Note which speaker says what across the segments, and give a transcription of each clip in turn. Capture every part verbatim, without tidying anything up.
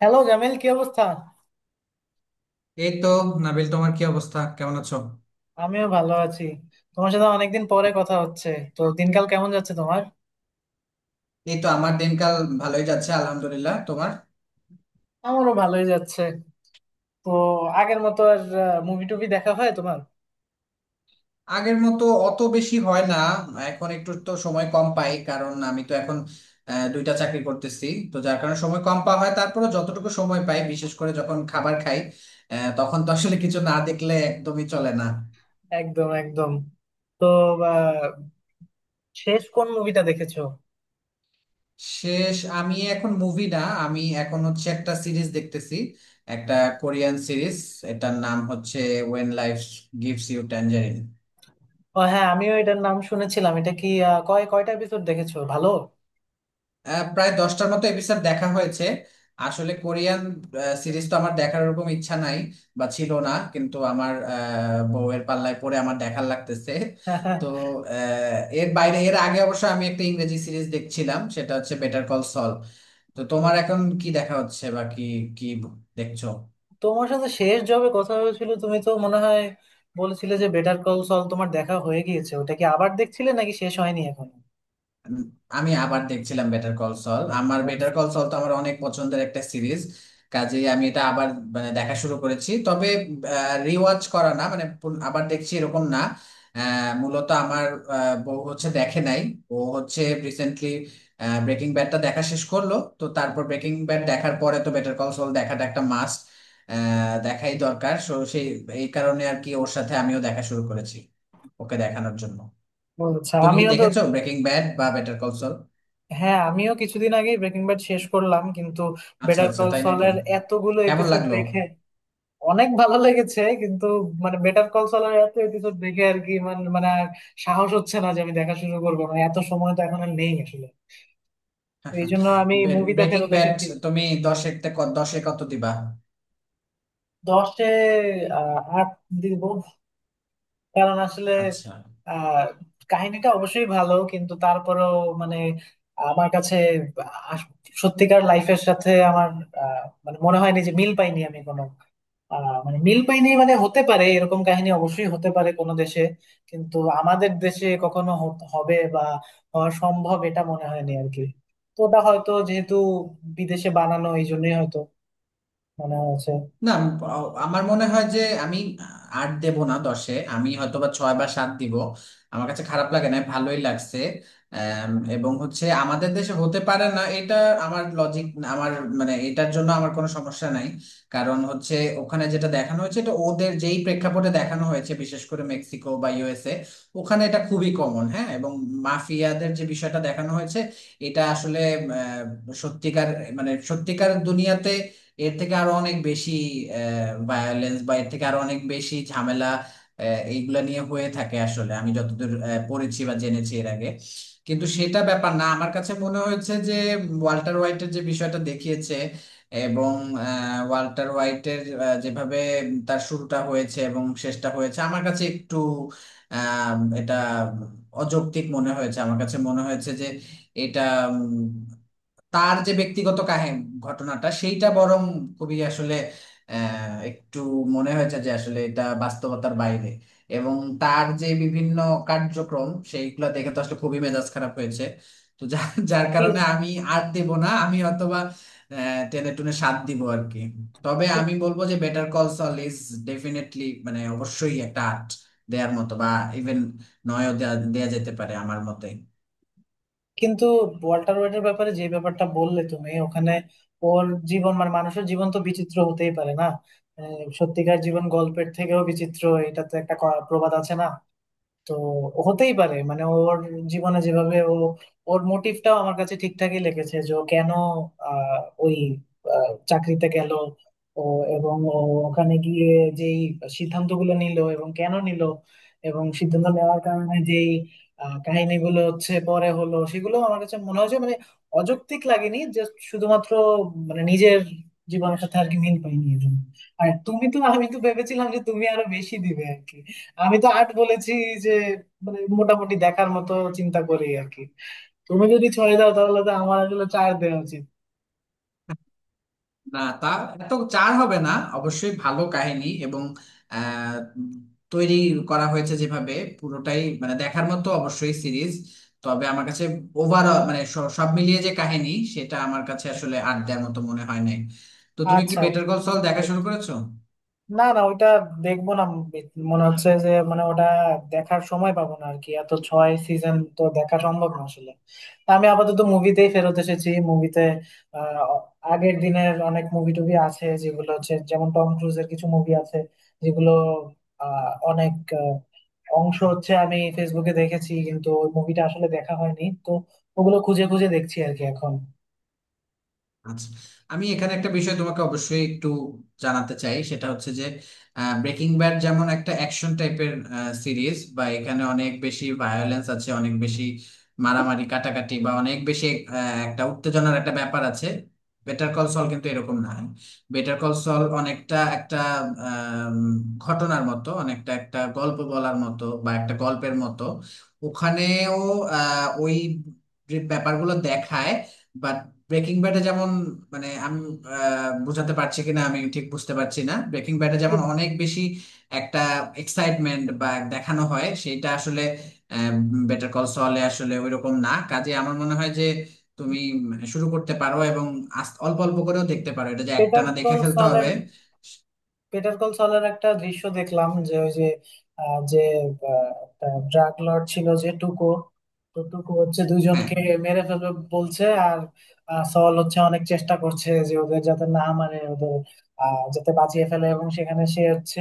Speaker 1: Hello Jamil, কি অবস্থা?
Speaker 2: এই তো, নাবিল। তোমার কি অবস্থা? কেমন আছো?
Speaker 1: আমিও ভালো আছি। তোমার সাথে অনেকদিন পরে কথা হচ্ছে। তো দিনকাল কেমন যাচ্ছে তোমার?
Speaker 2: এই তো আমার দিনকাল ভালোই যাচ্ছে, আলহামদুলিল্লাহ। তোমার?
Speaker 1: আমারও ভালোই যাচ্ছে। তো আগের মতো আর মুভি টুভি দেখা হয় তোমার?
Speaker 2: আগের মতো অত বেশি হয় না। এখন একটু তো সময় কম পাই কারণ আমি তো এখন আহ, দুইটা চাকরি করতেছি। তো যার কারণে সময় কম পাওয়া হয়। তারপরে যতটুকু সময় পাই, বিশেষ করে যখন খাবার খাই, আহ, তখন তো আসলে কিছু না দেখলে একদমই চলে না।
Speaker 1: একদম একদম। তো আহ, শেষ কোন মুভিটা দেখেছো?
Speaker 2: শেষ আমি এখন মুভি না, আমি এখন হচ্ছে একটা সিরিজ দেখতেছি। একটা কোরিয়ান সিরিজ। এটার নাম হচ্ছে when life gives you tangerine.
Speaker 1: ও হ্যাঁ, আমিও এটার নাম শুনেছিলাম। এটা কি আহ, কয় কয়টা এপিসোড দেখেছো? ভালো?
Speaker 2: আহ, প্রায় দশটার মতো এপিসোড দেখা হয়েছে। আসলে কোরিয়ান সিরিজ তো আমার দেখার ওরকম ইচ্ছা নাই বা ছিল না, কিন্তু আমার আহ, বউয়ের পাল্লায় পড়ে আমার দেখার লাগতেছে। তো আহ, এর বাইরে, এর আগে অবশ্য আমি একটা ইংরেজি সিরিজ দেখছিলাম, সেটা হচ্ছে বেটার কল সল। তো তোমার এখন কি দেখা হচ্ছে? বা কি কি দেখছো?
Speaker 1: তোমার সাথে শেষ যবে কথা হয়েছিল তুমি তো মনে হয় বলেছিলে যে বেটার কল সল তোমার দেখা হয়ে গিয়েছে। ওটা কি আবার দেখছিলে নাকি শেষ হয়নি এখন?
Speaker 2: আমি আবার দেখছিলাম বেটার কল সল। আমার
Speaker 1: ও
Speaker 2: বেটার কল সল তো আমার অনেক পছন্দের একটা সিরিজ। কাজেই আমি এটা আবার, মানে দেখা শুরু করেছি। তবে রিওয়াচ করা না, মানে পুন- আবার দেখছি এরকম না। আহ, মূলত আমার আহ, বউ হচ্ছে দেখে নাই। ও হচ্ছে রিসেন্টলি ব্রেকিং ব্যাডটা দেখা শেষ করলো। তো তারপর ব্রেকিং ব্যাড দেখার পরে তো বেটার কল সল দেখাটা একটা মাস্ট, দেখাই দরকার। সো সেই এই কারণে আর কি ওর সাথে আমিও দেখা শুরু করেছি, ওকে দেখানোর জন্য।
Speaker 1: আচ্ছা।
Speaker 2: তুমি কি
Speaker 1: আমিও তো।
Speaker 2: দেখেছো ব্রেকিং ব্যাড বা বেটার কল সল?
Speaker 1: হ্যাঁ, আমিও কিছুদিন আগে ব্রেকিং ব্যাড শেষ করলাম, কিন্তু
Speaker 2: আচ্ছা,
Speaker 1: বেটার
Speaker 2: আচ্ছা,
Speaker 1: কল
Speaker 2: তাই নাকি?
Speaker 1: সলের এতগুলো
Speaker 2: কেমন
Speaker 1: এপিসোড
Speaker 2: লাগলো?
Speaker 1: দেখে অনেক ভালো লেগেছে কিন্তু মানে বেটার কল সলের এত এপিসোড দেখে আর কি মানে মানে আর সাহস হচ্ছে না যে আমি দেখা শুরু করবো। মানে এত সময় তো এখন আর নেই আসলে। তো এই জন্য আমি মুভিটা
Speaker 2: ব্রেকিং
Speaker 1: ফেরত
Speaker 2: ব্যাড
Speaker 1: এসেছি।
Speaker 2: তুমি দশে তে ক- দশে কত দিবা?
Speaker 1: দশে আহ আট দিব। কারণ আসলে
Speaker 2: আচ্ছা,
Speaker 1: আহ কাহিনীটা অবশ্যই ভালো কিন্তু তারপরেও, মানে আমার কাছে আস- সত্যিকার লাইফের সাথে আমার, আহ, মানে মনে হয়নি যে, মিল পাইনি আমি কোনো, আহ, মানে মিল পাইনি। মানে হতে পারে, এরকম কাহিনী অবশ্যই হতে পারে কোনো দেশে, কিন্তু আমাদের দেশে কখনো হত- হবে বা হওয়া সম্ভব এটা মনে হয়নি আর কি। তো ওটা হয়তো যেহেতু বিদেশে বানানো এই জন্যই হয়তো মনে
Speaker 2: না, আমি প- আমার মনে হয় যে আমি আট দেব না দশে, আমি হয়তো বা ছয় বা সাত দিব। আমার কাছে খারাপ লাগে না, ভালোই লাগছে। আম, এবং হচ্ছে আমাদের দেশে হতে পারে না এটা। আমার লজিক, আমার মানে এটার জন্য আমার কোনো সমস্যা নাই। কারণ হচ্ছে ওখানে যেটা দেখানো হয়েছে, এটা ওদের যেই প্রেক্ষাপটে দেখানো হয়েছে, বিশেষ করে মেক্সিকো বা ইউ এস এ, ওখানে এটা খুবই কমন, হ্যাঁ। এবং মাফিয়াদের যে বিষয়টা দেখানো হয়েছে, এটা আসলে আহ, সত্যিকার, মানে সত্যিকার দুনিয়াতে এর থেকে আরো অনেক বেশি ভায়োলেন্স বা এর থেকে আরো অনেক বেশি ঝামেলা আহ, এইগুলা নিয়ে হয়ে থাকে আসলে, আমি যতদূর আহ, পড়েছি বা জেনেছি এর আগে। কিন্তু সেটা ব্যাপার না। আমার কাছে মনে হয়েছে যে ওয়াল্টার হোয়াইটের যে বিষয়টা দেখিয়েছে, এবং আহ, ওয়াল্টার হোয়াইটের আহ, যেভাবে তার শুরুটা হয়েছে এবং শেষটা হয়েছে আমার কাছে একটু আহ, এটা অযৌক্তিক মনে হয়েছে। আমার কাছে মনে হয়েছে যে এটা, তার যে ব্যক্তিগত কাহিনী, ঘটনাটা সেইটা বরং খুবই আসলে আহ, একটু মনে হয়েছে যে আসলে এটা বাস্তবতার বাইরে। এবং তার যে বিভিন্ন কার্যক্রম সেইগুলো দেখে তো আসলে খুবই মেজাজ খারাপ হয়েছে। তো যার যার
Speaker 1: হয়েছে।
Speaker 2: কারণে আমি আর দেব না আমি, অথবা টেনে টুনে সাথ দিব আর কি। তবে আমি বলবো যে better call saul is definitely, মানে অবশ্যই একটা আর্ট দেওয়ার মতো, বা ইভেন নয়ও দেয়া দেয়া যেতে পারে আমার মতে।
Speaker 1: কিন্তু ওয়াল্টার হোয়াইটের ব্যাপারে যে ব্যাপারটা বললে তুমি, ওখানে ওর জীবন মানে মানুষের জীবন তো বিচিত্র হতেই পারে না, মানে সত্যিকার জীবন গল্পের থেকেও বিচিত্র, এটা তো একটা ক- প্রবাদ আছে না। তো হতেই পারে মানে ওর জীবনে যেভাবে ও, ওর মোটিভটাও আমার কাছে ঠিকঠাকই লেগেছে যে ও কেন আহ, ওই আহ, চাকরিতে গেল, ও এবং ও ওখানে গিয়ে যেই সিদ্ধান্তগুলো নিল এবং কেন নিল, এবং সিদ্ধান্ত নেওয়ার কারণে যেই আহ, কাহিনীগুলো হচ্ছে পরে হলো, সেগুলো আমার কাছে মনে হয়েছে মানে অযৌক্তিক লাগেনি। যে শুধুমাত্র মানে নিজের জীবনের সাথে আর কি মিল পাইনি এর জন্য। আর তুমি তো, আমি তো ভেবেছিলাম যে তুমি আরো বেশি দিবে আর কি। আমি তো আট বলেছি যে মানে মোটামুটি দেখার মতো চিন্তা করি আর কি। তুমি যদি ছয় দাও তাহলে তো আমার আসলে চার দেওয়া উচিত।
Speaker 2: না তা, এত চার হবে না। অবশ্যই ভালো কাহিনী, এবং আহ, তৈরি করা হয়েছে যেভাবে, পুরোটাই মানে দেখার মতো অবশ্যই সিরিজ। তবে আমার কাছে ওভারঅল, মানে স- সব মিলিয়ে যে কাহিনী, সেটা আমার কাছে আসলে আট দেওয়ার মতো মনে হয় নাই। তো তুমি কি
Speaker 1: আচ্ছা,
Speaker 2: বেটার কল সল দেখা শুরু করেছো?
Speaker 1: না না ওইটা দেখবো না। বে- মনে হচ্ছে যে মানে ওটা দেখার সময় পাবো না আর কি। এত ছয় সিজন তো দেখা সম্ভব না আসলে। তা আমি আপাতত মুভিতেই ফেরত এসেছি। মুভিতে আগের দিনের অনেক মুভি টুভি আছে যেগুলো হচ্ছে, যেমন টম ক্রুজের কিছু মুভি আছে যেগুলো আহ, অনেক আহ, অংশ হচ্ছে আমি ফেসবুকে দেখেছি কিন্তু ওই মুভিটা আসলে দেখা হয়নি। তো ওগুলো খুঁজে খুঁজে দেখছি আর কি এখন।
Speaker 2: আচ্ছা। আমি এখানে একটা বিষয় তোমাকে অবশ্যই একটু জানাতে চাই, সেটা হচ্ছে যে ব্রেকিং ব্যাড যেমন একটা অ্যাকশন টাইপের সিরিজ, বা এখানে অনেক বেশি ভায়োলেন্স আছে, অনেক বেশি মারামারি কাটাকাটি, বা অনেক বেশি আহ, একটা উত্তেজনার একটা ব্যাপার আছে। বেটার কল সল কিন্তু এরকম না। বেটার কল সল অনেকটা একটা আম, ঘটনার মতো, অনেকটা একটা গল্প বলার মতো বা একটা গল্পের মতো। ওখানেও আহ, ওই যে ব্যাপারগুলো দেখায়, বাট ব্রেকিং ব্যাডে যেমন, মানে আমি আহ, বোঝাতে পারছি কিনা আমি ঠিক বুঝতে পারছি না, ব্রেকিং ব্যাডে যেমন অনেক বেশি একটা এক্সাইটমেন্ট বা দেখানো হয় সেইটা আসলে বেটার কল সলে আসলে ওইরকম না। কাজে আমার মনে হয় যে তুমি, মানে শুরু করতে পারো এবং আস্তে- অল্প অল্প করেও দেখতে পারো, এটা যে
Speaker 1: বেটার
Speaker 2: একটানা দেখে
Speaker 1: কল,
Speaker 2: ফেলতে হবে।
Speaker 1: পেটার কল সলের একটা দৃশ্য দেখলাম, যে ওই যে আহ, যে ড্রাগ লর্ড ছিল যে টুকো, তো টুকো হচ্ছে
Speaker 2: হ্যাঁ,
Speaker 1: দুইজনকে মেরে ফেলবে বলছে, আর আহ, সল হচ্ছে অনেক চেষ্টা করছে যে ওদের যাতে না মারে, ওদের আহ, যাতে বাঁচিয়ে ফেলে, এবং সেখানে সে হচ্ছে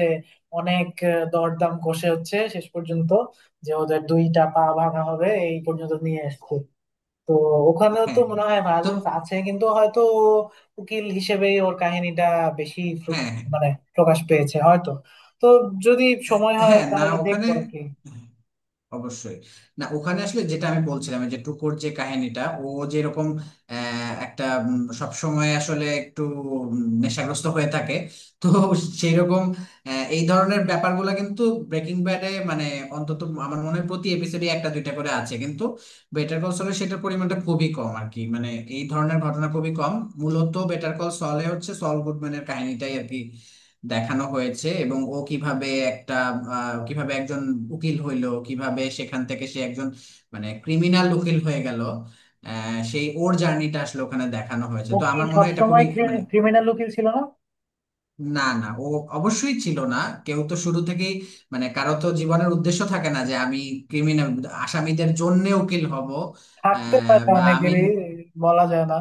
Speaker 1: অনেক আহ, দরদাম কষে হচ্ছে শেষ পর্যন্ত যে ওদের দুইটা পা ভাঙা হবে এই পর্যন্ত নিয়ে এসছে। তো ওখানেও তো
Speaker 2: হ্যাঁ।
Speaker 1: মনে হয়
Speaker 2: তো
Speaker 1: ভায়োলেন্স আছে কিন্তু হয়তো উকিল হিসেবেই ওর কাহিনীটা বেশি ফ্রু-
Speaker 2: হ্যাঁ, হ্যাঁ,
Speaker 1: মানে প্রকাশ পেয়েছে হয়তো। তো যদি সময় হয়
Speaker 2: হ্যাঁ, না,
Speaker 1: তাহলে
Speaker 2: ওখানে
Speaker 1: দেখবো আর কি।
Speaker 2: অবশ্যই। না, ওখানে আসলে যেটা আমি বলছিলাম, এই যে টুকুর যে কাহিনীটা, ও যেরকম আহ, একটা সব সময় আসলে একটু উম, নেশাগ্রস্ত হয়ে থাকে। তো সেই রকম এই ধরনের ব্যাপারগুলো কিন্তু ব্রেকিং ব্যাডে, মানে অন্তত আমার মনে হয় প্রতি এপিসোডে একটা দুইটা করে আছে, কিন্তু বেটার কল সলে সেটার পরিমাণটা খুবই কম আর কি, মানে এই ধরনের ঘটনা খুবই কম। মূলত বেটার কল সলে হচ্ছে সল গুডম্যানের কাহিনীটাই আর কি দেখানো হয়েছে, এবং ও কিভাবে একটা আহ, কিভাবে একজন উকিল হইলো, কিভাবে সেখান থেকে সে একজন মানে ক্রিমিনাল উকিল হয়ে গেল। আহ, সেই ওর জার্নিটা আসলে ওখানে দেখানো হয়েছে।
Speaker 1: ও
Speaker 2: তো
Speaker 1: কি
Speaker 2: আমার মনে হয় এটা
Speaker 1: সবসময়
Speaker 2: খুবই মানে,
Speaker 1: ক্রিমিনাল উকিল ছিল না?
Speaker 2: না, না, ও অবশ্যই ছিল না। কেউ তো শুরু থেকেই মানে কারো তো জীবনের উদ্দেশ্য থাকে না যে আমি ক্রিমিনাল আসামিদের জন্য উকিল হব।
Speaker 1: থাকতে
Speaker 2: আহ,
Speaker 1: পারে
Speaker 2: বা আমি,
Speaker 1: অনেকেরই, বলা যায় না।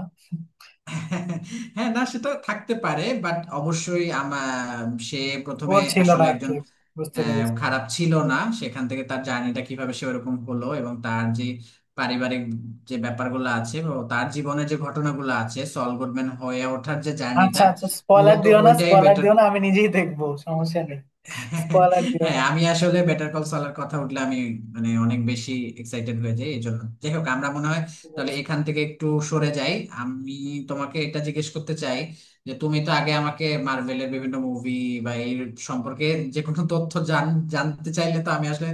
Speaker 2: হ্যাঁ, না, সেটা থাকতে পারে, বাট অবশ্যই আমার সে প্রথমে
Speaker 1: ওর ছিল না
Speaker 2: আসলে
Speaker 1: আর
Speaker 2: একজন
Speaker 1: কি। বুঝতে
Speaker 2: আহ,
Speaker 1: পেরেছি।
Speaker 2: খারাপ ছিল না। সেখান থেকে তার জার্নিটা কিভাবে সে ওরকম হলো, এবং তার যে পারিবারিক যে ব্যাপারগুলো আছে, ও তার জীবনের যে ঘটনাগুলো আছে, সল গুডম্যান হয়ে ওঠার যে
Speaker 1: আচ্ছা
Speaker 2: জার্নিটা,
Speaker 1: আচ্ছা, স্পয়লার
Speaker 2: মূলত
Speaker 1: দিও না,
Speaker 2: ওইটাই
Speaker 1: স্পয়লার
Speaker 2: বেটার।
Speaker 1: দিও না, আমি নিজেই দেখবো সমস্যা নেই। স্পয়লার দিও
Speaker 2: হ্যাঁ,
Speaker 1: না।
Speaker 2: আমি আসলে বেটার কল সলার কথা উঠলে আমি, মানে অনেক বেশি এক্সাইটেড হয়ে যাই। এই জন্য যাই হোক, আমরা মনে হয়
Speaker 1: বুঝতে
Speaker 2: তাহলে
Speaker 1: পেরেছি।
Speaker 2: এখান থেকে একটু সরে যাই। আমি তোমাকে এটা জিজ্ঞেস করতে চাই, যে তুমি তো আগে আমাকে মার্ভেলের বিভিন্ন মুভি বা এই সম্পর্কে যে কোনো তথ্য জান। জানতে চাইলে তো আমি আসলে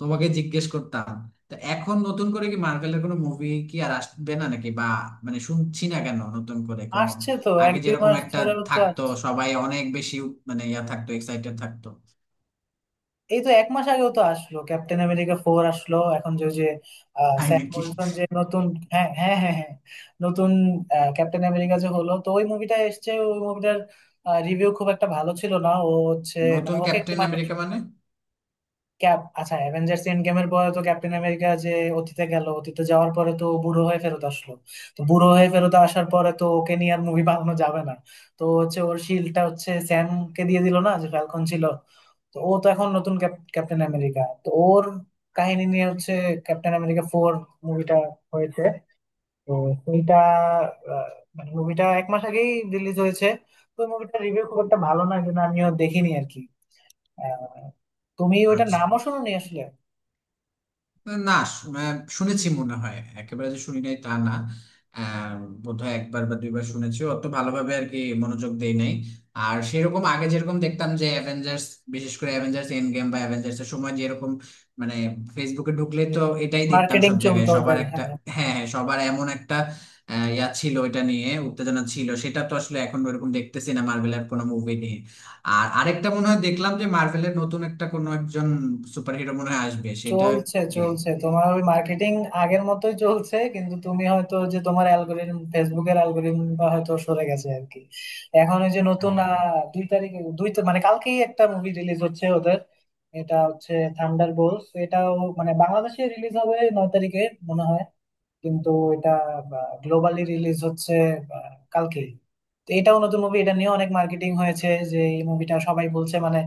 Speaker 2: তোমাকে জিজ্ঞেস করতাম। তো এখন নতুন করে কি মার্ভেলের কোনো মুভি কি আর আসবে না নাকি, বা মানে শুনছি না কেন নতুন করে কোনো,
Speaker 1: আসছে তো, এক
Speaker 2: আগে
Speaker 1: দুই
Speaker 2: যেরকম
Speaker 1: মাস
Speaker 2: একটা
Speaker 1: ধরেও তো
Speaker 2: থাকতো সবাই অনেক বেশি, মানে ইয়া থাকতো, এক্সাইটেড থাকতো।
Speaker 1: এই তো এক মাস আগেও তো আসলো ক্যাপ্টেন আমেরিকা ফোর। আসলো এখন যে যে আহ,
Speaker 2: তাই
Speaker 1: স্যাম
Speaker 2: নাকি?
Speaker 1: উইলসন যে নতুন, হ্যাঁ হ্যাঁ হ্যাঁ হ্যাঁ, নতুন আহ, ক্যাপ্টেন আমেরিকা যে হলো, তো ওই মুভিটা এসছে। ওই মুভিটার রিভিউ খুব একটা ভালো ছিল না। ও হচ্ছে মানে
Speaker 2: নতুন
Speaker 1: ওকে একটু
Speaker 2: ক্যাপ্টেন
Speaker 1: মানুষ,
Speaker 2: আমেরিকা মানে?
Speaker 1: ক্যাপ আচ্ছা, অ্যাভেঞ্জার্স এন্ড গেমের পরে তো ক্যাপ্টেন আমেরিকা যে অতীতে গেল, অতীতে যাওয়ার পরে তো ও বুড়ো হয়ে ফেরত আসলো। তো বুড়ো হয়ে ফেরত আসার পরে তো ওকে নিয়ে আর মুভি বানানো যাবে না। তো হচ্ছে ওর শিল্ডটা হচ্ছে স্যামকে দিয়ে দিল না, যে ফ্যালকন ছিল। তো ও তো এখন নতুন ক্যাপ- ক্যাপ্টেন আমেরিকা, তো ওর কাহিনী নিয়ে হচ্ছে ক্যাপ্টেন আমেরিকা ফোর মুভিটা হয়েছে। তো সেইটা আহ, মানে মুভিটা এক মাস আগেই রিলিজ হয়েছে। তো মুভিটা রিভিউ খুব একটা ভালো না, কিন্তু আমিও দেখিনি আর কি। আহ, তুমি ওইটা
Speaker 2: আচ্ছা,
Speaker 1: নামও শুনোনি আসলে।
Speaker 2: না, শু- আহ, শুনেছি মনে হয়, একেবারে যে শুনি নাই তা না। আহ, বোধহয় একবার বা দুইবার শুনেছি, অত ভালোভাবে আর কি মনোযোগ দেই নাই। আর সেরকম আগে যেরকম দেখতাম যে অ্যাভেঞ্জার্স, বিশেষ করে অ্যাভেঞ্জার্স এন্ড গেম বা অ্যাভেঞ্জার্স এর সময় যেরকম, মানে ফেসবুকে ঢুকলে তো এটাই দেখতাম
Speaker 1: মার্কেটিং
Speaker 2: সব জায়গায়
Speaker 1: চলতো
Speaker 2: সবার
Speaker 1: ওদের,
Speaker 2: একটা।
Speaker 1: হ্যাঁ।
Speaker 2: হ্যাঁ, হ্যাঁ, সবার এমন একটা আহ, ইয়া ছিল, এটা নিয়ে উত্তেজনা ছিল। সেটা তো আসলে এখন ওরকম দেখতেছি না মার্ভেলের কোনো মুভি নিয়ে। আর আরেকটা মনে হয় দেখলাম যে মার্ভেলের নতুন একটা কোনো একজন সুপারহিরো মনে হয় আসবে সেটা।
Speaker 1: চলছে
Speaker 2: কি?
Speaker 1: চলছে তোমার ওই মার্কেটিং আগের মতোই চলছে, কিন্তু তুমি হয়তো, যে তোমার অ্যালগোরিদম, ফেসবুকের অ্যালগোরিদমটা হয়তো সরে গেছে আর কি। এখন ওই যে নতুন
Speaker 2: ও।
Speaker 1: আহ, দুই তারিখে, দুই তা- মানে কালকেই একটা মুভি রিলিজ হচ্ছে ওদের। এটা হচ্ছে থান্ডার বোলস। এটাও মানে বাংলাদেশে রিলিজ হবে নয় তারিখে, মনে হয়। কিন্তু এটা গ্লোবালি রিলিজ হচ্ছে আহ, কালকেই। তো এটাও নতুন মুভি, এটা নিয়ে অনেক মার্কেটিং হয়েছে যে এই মুভিটা, সবাই বলছে মানে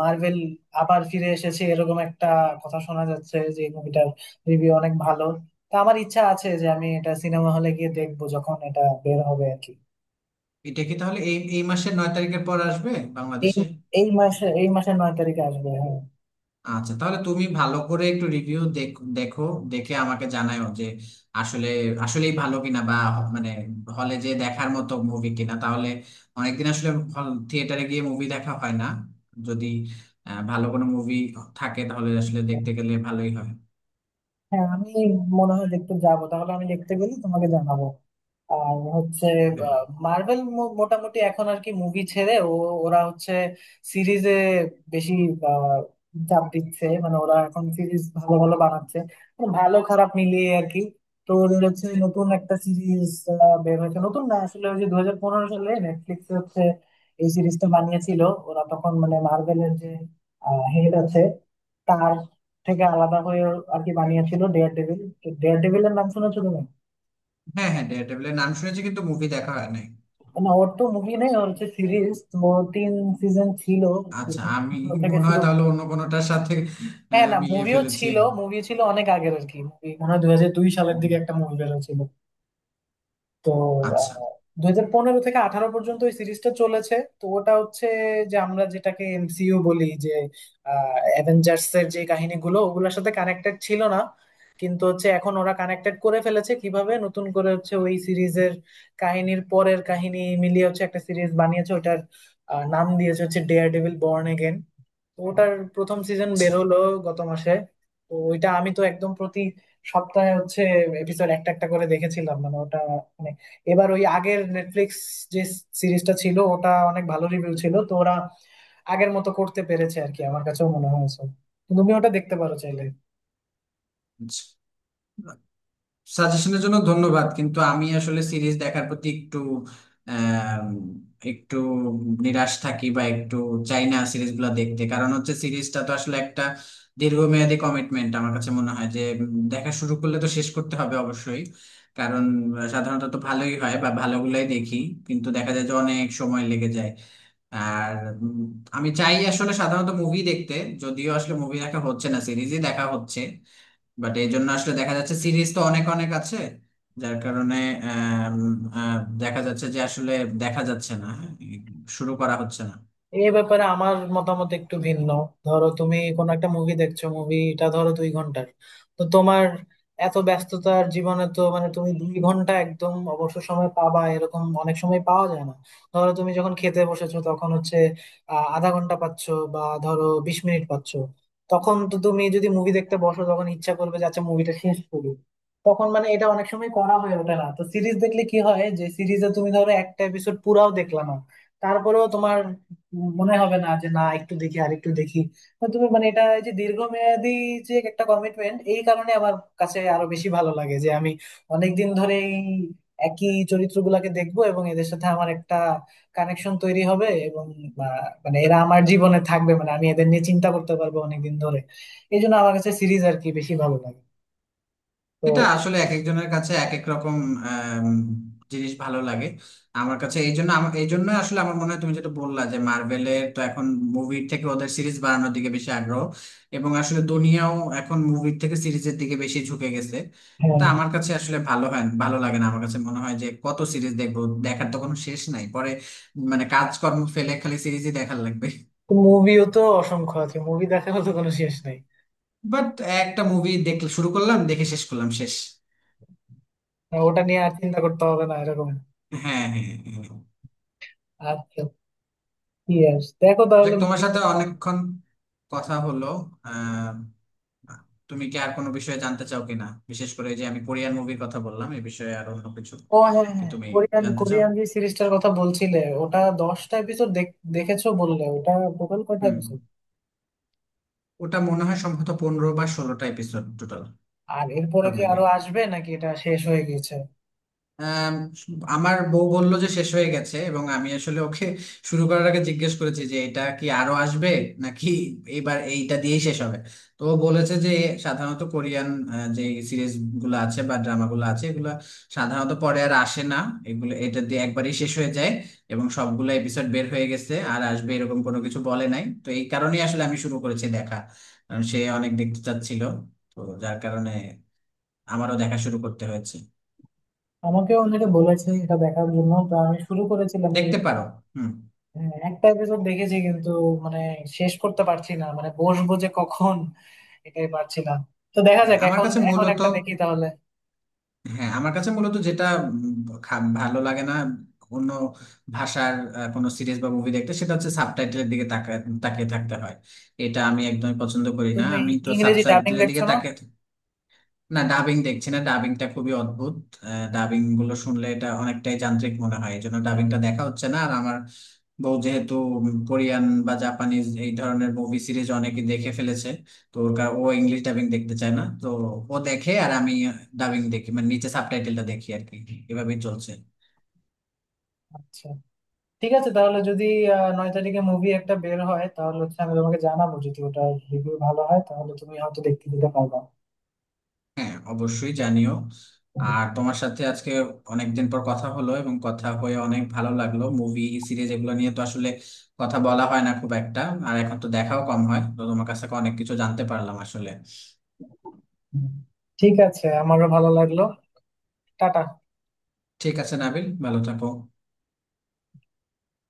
Speaker 1: মার্ভেল আবার ফিরে এসেছে, এরকম একটা কথা শোনা যাচ্ছে যে এই মুভিটার রিভিউ অনেক ভালো। তা আমার ইচ্ছা আছে যে আমি এটা সিনেমা হলে গিয়ে দেখবো যখন এটা বের হবে আর কি।
Speaker 2: এটা কি তাহলে এই এই মাসের নয় তারিখের পর আসবে
Speaker 1: এই
Speaker 2: বাংলাদেশে?
Speaker 1: এই মাসে, এই মাসের নয় তারিখে আসবে, হ্যাঁ।
Speaker 2: আচ্ছা, তাহলে তুমি ভালো করে একটু রিভিউ দেখো, দেখো দেখে আমাকে জানাও যে আসলে আসলেই ভালো কিনা, বা মানে হলে যে দেখার মতো মুভি কিনা। তাহলে অনেকদিন আসলে হল থিয়েটারে গিয়ে মুভি দেখা হয় না। যদি আহ, ভালো কোনো মুভি থাকে তাহলে আসলে দেখতে গেলে ভালোই হয়।
Speaker 1: হ্যাঁ আমি মনে হয় দেখতে যাবো তাহলে। আমি দেখতে গেলে তোমাকে জানাবো। আর হচ্ছে
Speaker 2: হ্যাঁ,
Speaker 1: মার্বেল মোটামুটি এখন আর কি মুভি ছেড়ে ও, ওরা হচ্ছে সিরিজে বেশি আহ, চাপ দিচ্ছে মানে, ওরা এখন সিরিজ ভালো ভালো বানাচ্ছে। তো ভালো খারাপ মিলিয়ে আর কি। তো ওদের হচ্ছে নতুন একটা সিরিজ বের হয়েছে, নতুন না আসলে, ওই যে দু হাজার পনেরো সালে নেটফ্লিক্সে হচ্ছে এই সিরিজটা বানিয়েছিল ওরা তখন, মানে মার্বেলের যে হেড আছে তার থেকে আলাদা হয়ে আর কি বানিয়েছিল, ডেয়ার ডেভিল। ডেয়ার ডেভিলের নাম শুনেছো তুমি?
Speaker 2: হ্যাঁ, হ্যাঁ, ডেয়ারডেভিলের নাম শুনেছি কিন্তু মুভি দেখা হয় নাই।
Speaker 1: না ওর তো মুভি নেই, ওর হচ্ছে সিরিজ। ও তিন সিজন ছিল।
Speaker 2: আচ্ছা, আমি
Speaker 1: দুই হাজার পনেরো থেকে
Speaker 2: মনে হয়
Speaker 1: শুরু।
Speaker 2: তাহলে অন্য কোনোটার সাথে
Speaker 1: হ্যাঁ
Speaker 2: আহ,
Speaker 1: না
Speaker 2: মিলিয়ে
Speaker 1: মুভিও
Speaker 2: ফেলেছি।
Speaker 1: ছিল, মুভি ছিল অনেক আগের আর কি, মুভি মনে হয় দুই হাজার দুই
Speaker 2: ও,
Speaker 1: সালের দিকে একটা মুভি বের হয়েছিল। তো
Speaker 2: আচ্ছা,
Speaker 1: দুই হাজার পনেরো থেকে আঠারো পর্যন্ত এই সিরিজটা চলেছে। তো ওটা হচ্ছে যে আমরা যেটাকে এমসিইউ বলি, যে অ্যাভেঞ্জার্স এর যে কাহিনীগুলো, ওগুলোর সাথে কানেক্টেড ছিল না। কিন্তু হচ্ছে এখন ওরা কানেক্টেড করে ফেলেছে, কিভাবে নতুন করে হচ্ছে ওই সিরিজের কাহিনীর পরের কাহিনী মিলিয়ে হচ্ছে একটা সিরিজ বানিয়েছে। ওটার আহ, নাম দিয়েছে হচ্ছে ডেয়ার ডেভিল বর্ন। তো ওটার প্রথম সিজন
Speaker 2: আচ্ছা,
Speaker 1: বের হলো গত মাসে। তো ওইটা আমি তো একদম প্রতি সপ্তাহে হচ্ছে এপিসোড একটা একটা করে দেখেছিলাম, মানে ওটা মানে, এবার ওই আগের নেটফ্লিক্স যে সিরিজটা ছিল ওটা অনেক ভালো রিভিউ ছিল, তো ওরা আগের মতো করতে পেরেছে আর কি, আমার কাছেও মনে হয়েছে। তুমি ওটা দেখতে পারো চাইলে।
Speaker 2: আচ্ছা। সাজেশনের জন্য ধন্যবাদ, কিন্তু আমি আসলে সিরিজ দেখার প্রতি একটু আম, একটু নিরাশ থাকি বা একটু চাই না সিরিজগুলো দেখতে। কারণ হচ্ছে সিরিজটা তো আসলে একটা দীর্ঘমেয়াদী কমিটমেন্ট, আমার কাছে মনে হয় যে উম, দেখা শুরু করলে তো শেষ করতে হবে অবশ্যই। কারণ আহ, সাধারণত তো ভালোই হয় বা ভালোগুলাই দেখি, কিন্তু দেখা যায় যে অনেক সময় লেগে যায়। আর উম, আমি চাই আসলে সাধারণত মুভি দেখতে, যদিও আসলে মুভি দেখা হচ্ছে না, সিরিজই দেখা হচ্ছে। বাট এই জন্য আসলে দেখা যাচ্ছে সিরিজ তো অনেক অনেক আছে, যার কারণে আম, আহ, দেখা যাচ্ছে যে আসলে দেখা যাচ্ছে না, হ্যাঁ, শুরু করা হচ্ছে না।
Speaker 1: এ ব্যাপারে আমার মতামত একটু ভিন্ন। ধরো তুমি কোনো একটা মুভি দেখছো, মুভিটা ধরো দুই ঘন্টার, তো তোমার এত ব্যস্ততার জীবনে তো মানে তুমি দুই ঘন্টা একদম অবসর সময় পাবা, এরকম অনেক সময় পাওয়া যায় না। ধরো তুমি যখন খেতে বসেছো তখন হচ্ছে আহ আধা ঘন্টা পাচ্ছো বা ধরো বিশ মিনিট পাচ্ছো, তখন তো তুমি যদি মুভি দেখতে বসো তখন ইচ্ছা করবে যে আচ্ছা মুভিটা শেষ করি, তখন মানে এটা অনেক সময় করা হয়ে ওঠে না। তো সিরিজ দেখলে কি হয় যে, সিরিজে তুমি ধরো একটা এপিসোড পুরাও দেখলা না, তারপরেও তোমার মনে হবে না যে না একটু দেখি আর একটু দেখি। তো তুমি মানে এটা এই যে দীর্ঘমেয়াদী যে একটা কমিটমেন্ট, এই কারণে আমার কাছে আরো বেশি ভালো লাগে যে আমি অনেকদিন ধরে এই একই চরিত্রগুলাকে দেখবো এবং এদের সাথে আমার একটা কানেকশন তৈরি হবে এবং বা, মানে এরা আমার জীবনে থাকবে, মানে আমি এদের নিয়ে চিন্তা করতে পারবো অনেকদিন ধরে। এই জন্য আমার কাছে সিরিজ আর কি বেশি ভালো লাগে। তো
Speaker 2: এটা আসলে এক একজনের কাছে এক এক রকম আম, জিনিস ভালো লাগে। আমার কাছে এই জন্য আমা- এই জন্য আসলে আমার মনে হয় তুমি যেটা বললা, যে মার্ভেলের তো এখন মুভির থেকে ওদের সিরিজ বানানোর দিকে বেশি আগ্রহ, এবং আসলে দুনিয়াও এখন মুভির থেকে সিরিজের দিকে বেশি ঝুঁকে গেছে।
Speaker 1: হ্যাঁ,
Speaker 2: তা আমার কাছে আসলে ভালো হয় ভালো লাগে না, আমার কাছে মনে হয় যে কত সিরিজ দেখবো, দেখার তো কোনো শেষ নাই পরে। মানে কাজকর্ম ফেলে খালি সিরিজই দেখার লাগবে।
Speaker 1: মুভিও তো অসংখ্য আছে, মুভি দেখারও তো কোনো শেষ নাই।
Speaker 2: বাট একটা মুভি দেখলে শুরু করলাম, দেখে শেষ করলাম, শেষ।
Speaker 1: ওটা নিয়ে আর চিন্তা করতে হবে না এরকম।
Speaker 2: হ্যাঁ, হ্যাঁ, হ্যাঁ।
Speaker 1: আচ্ছা। ইয়েস, দেখো
Speaker 2: যে
Speaker 1: তাহলে
Speaker 2: তোমার
Speaker 1: মুভি।
Speaker 2: সাথে অনেকক্ষণ কথা হলো। আহ তুমি কি আর কোনো বিষয়ে জানতে চাও কিনা, বিশেষ করে এই যে আমি কোরিয়ান মুভির কথা বললাম এই বিষয়ে আর অন্য কিছু?
Speaker 1: ও হ্যাঁ
Speaker 2: কি
Speaker 1: হ্যাঁ,
Speaker 2: তুমি
Speaker 1: কোরিয়ান
Speaker 2: জানতে চাও?
Speaker 1: কোরিয়ান যে সিরিজটার কথা বলছিলে ওটা দশটা এপিসোড দেখেছো বললে, ওটা টোটাল কয়টা
Speaker 2: হুম।
Speaker 1: এপিসোড?
Speaker 2: ওটা মনে হয় সম্ভবত পনেরো বা ষোলোটা এপিসোড টোটাল,
Speaker 1: আর এরপরে
Speaker 2: সব
Speaker 1: কি
Speaker 2: মিলে।
Speaker 1: আরো আসবে নাকি এটা শেষ হয়ে গেছে?
Speaker 2: আম, আমার বউ বলল যে শেষ হয়ে গেছে, এবং আমি আসলে ওকে শুরু করার আগে জিজ্ঞেস করেছি যে এটা কি আরো আসবে নাকি এবার এইটা দিয়েই শেষ হবে। তো ও বলেছে যে সাধারণত কোরিয়ান আহ, যে সিরিজ গুলো আছে বা ড্রামা গুলো আছে, এগুলো সাধারণত পরে আর আসে না, এগুলো এটা দিয়ে একবারই শেষ হয়ে যায়। এবং সবগুলো এপিসোড বের হয়ে গেছে, আর আসবে এরকম কোনো কিছু বলে নাই, তো এই কারণেই আসলে আমি শুরু করেছি দেখা, কারণ সে অনেক দেখতে চাচ্ছিল। তো যার কারণে আমারও দেখা শুরু করতে হয়েছে।
Speaker 1: আমাকে অনেকে বলেছে এটা দেখার জন্য, তো আমি শুরু করেছিলাম
Speaker 2: দেখতে
Speaker 1: কিন্তু,
Speaker 2: পারো। হুম।
Speaker 1: হ্যাঁ, একটা এপিসোড দেখেছি কিন্তু মানে শেষ করতে পারছি না, মানে বসবো যে কখন, এটাই পারছিলাম। তো দেখা যাক,
Speaker 2: আমার
Speaker 1: এখন
Speaker 2: কাছে
Speaker 1: এখন
Speaker 2: মূলত,
Speaker 1: একটা দেখি তাহলে।
Speaker 2: হ্যাঁ, আমার কাছে মূলত যেটা উম খা- ভালো লাগে না অন্য ভাষার আহ, কোনো সিরিজ বা মুভি দেখতে, সেটা হচ্ছে সাবটাইটেলের দিকে তাকা- তাকিয়ে থাকতে হয়। এটা আমি একদমই পছন্দ করি না,
Speaker 1: তুমি
Speaker 2: আমি তো
Speaker 1: ইংরেজি ডাবিং
Speaker 2: সাবটাইটেলের
Speaker 1: দেখছো
Speaker 2: দিকে
Speaker 1: না?
Speaker 2: তাকিয়ে। না, ডাবিং দেখছি না। ডাবিংটা খুবই অদ্ভুত, ডাবিং গুলো শুনলে এটা অনেকটাই যান্ত্রিক মনে হয়, এই জন্য ডাবিংটা দেখা হচ্ছে না। আর আমার বউ যেহেতু কোরিয়ান বা জাপানিজ এই ধরনের মুভি সিরিজ অনেকে দেখে ফেলেছে, তো ওর কা- ও ইংলিশ ডাবিং দেখতে চায় না। তো ও দেখে আর আমি ডাবিং দেখি, মানে নিচে সাবটাইটেলটা দেখি আর কি। এভাবেই চলছে।
Speaker 1: আচ্ছা ঠিক আছে, তাহলে যদি আহ, নয় তারিখে মুভি একটা বের হয় তাহলে হচ্ছে আমি তোমাকে জানাবো, যদি ওটা রিভিউ ভালো হয় তাহলে তুমি হয়তো দেখতে যেতে পারবা।
Speaker 2: হ্যাঁ, অবশ্যই জানিও। আর তোমার সাথে আজকে অনেকদিন পর কথা হলো এবং কথা হয়ে অনেক ভালো লাগলো। মুভি, সিরিজ এগুলো নিয়ে তো আসলে কথা বলা হয় না খুব একটা, আর এখন তো দেখাও কম হয়। তো তোমার কাছ থেকে অনেক কিছু জানতে পারলাম আসলে।
Speaker 1: ঠিক আছে, আমারও ভালো লাগলো। টাটা।
Speaker 2: ঠিক আছে, নাবিল, ভালো থাকো।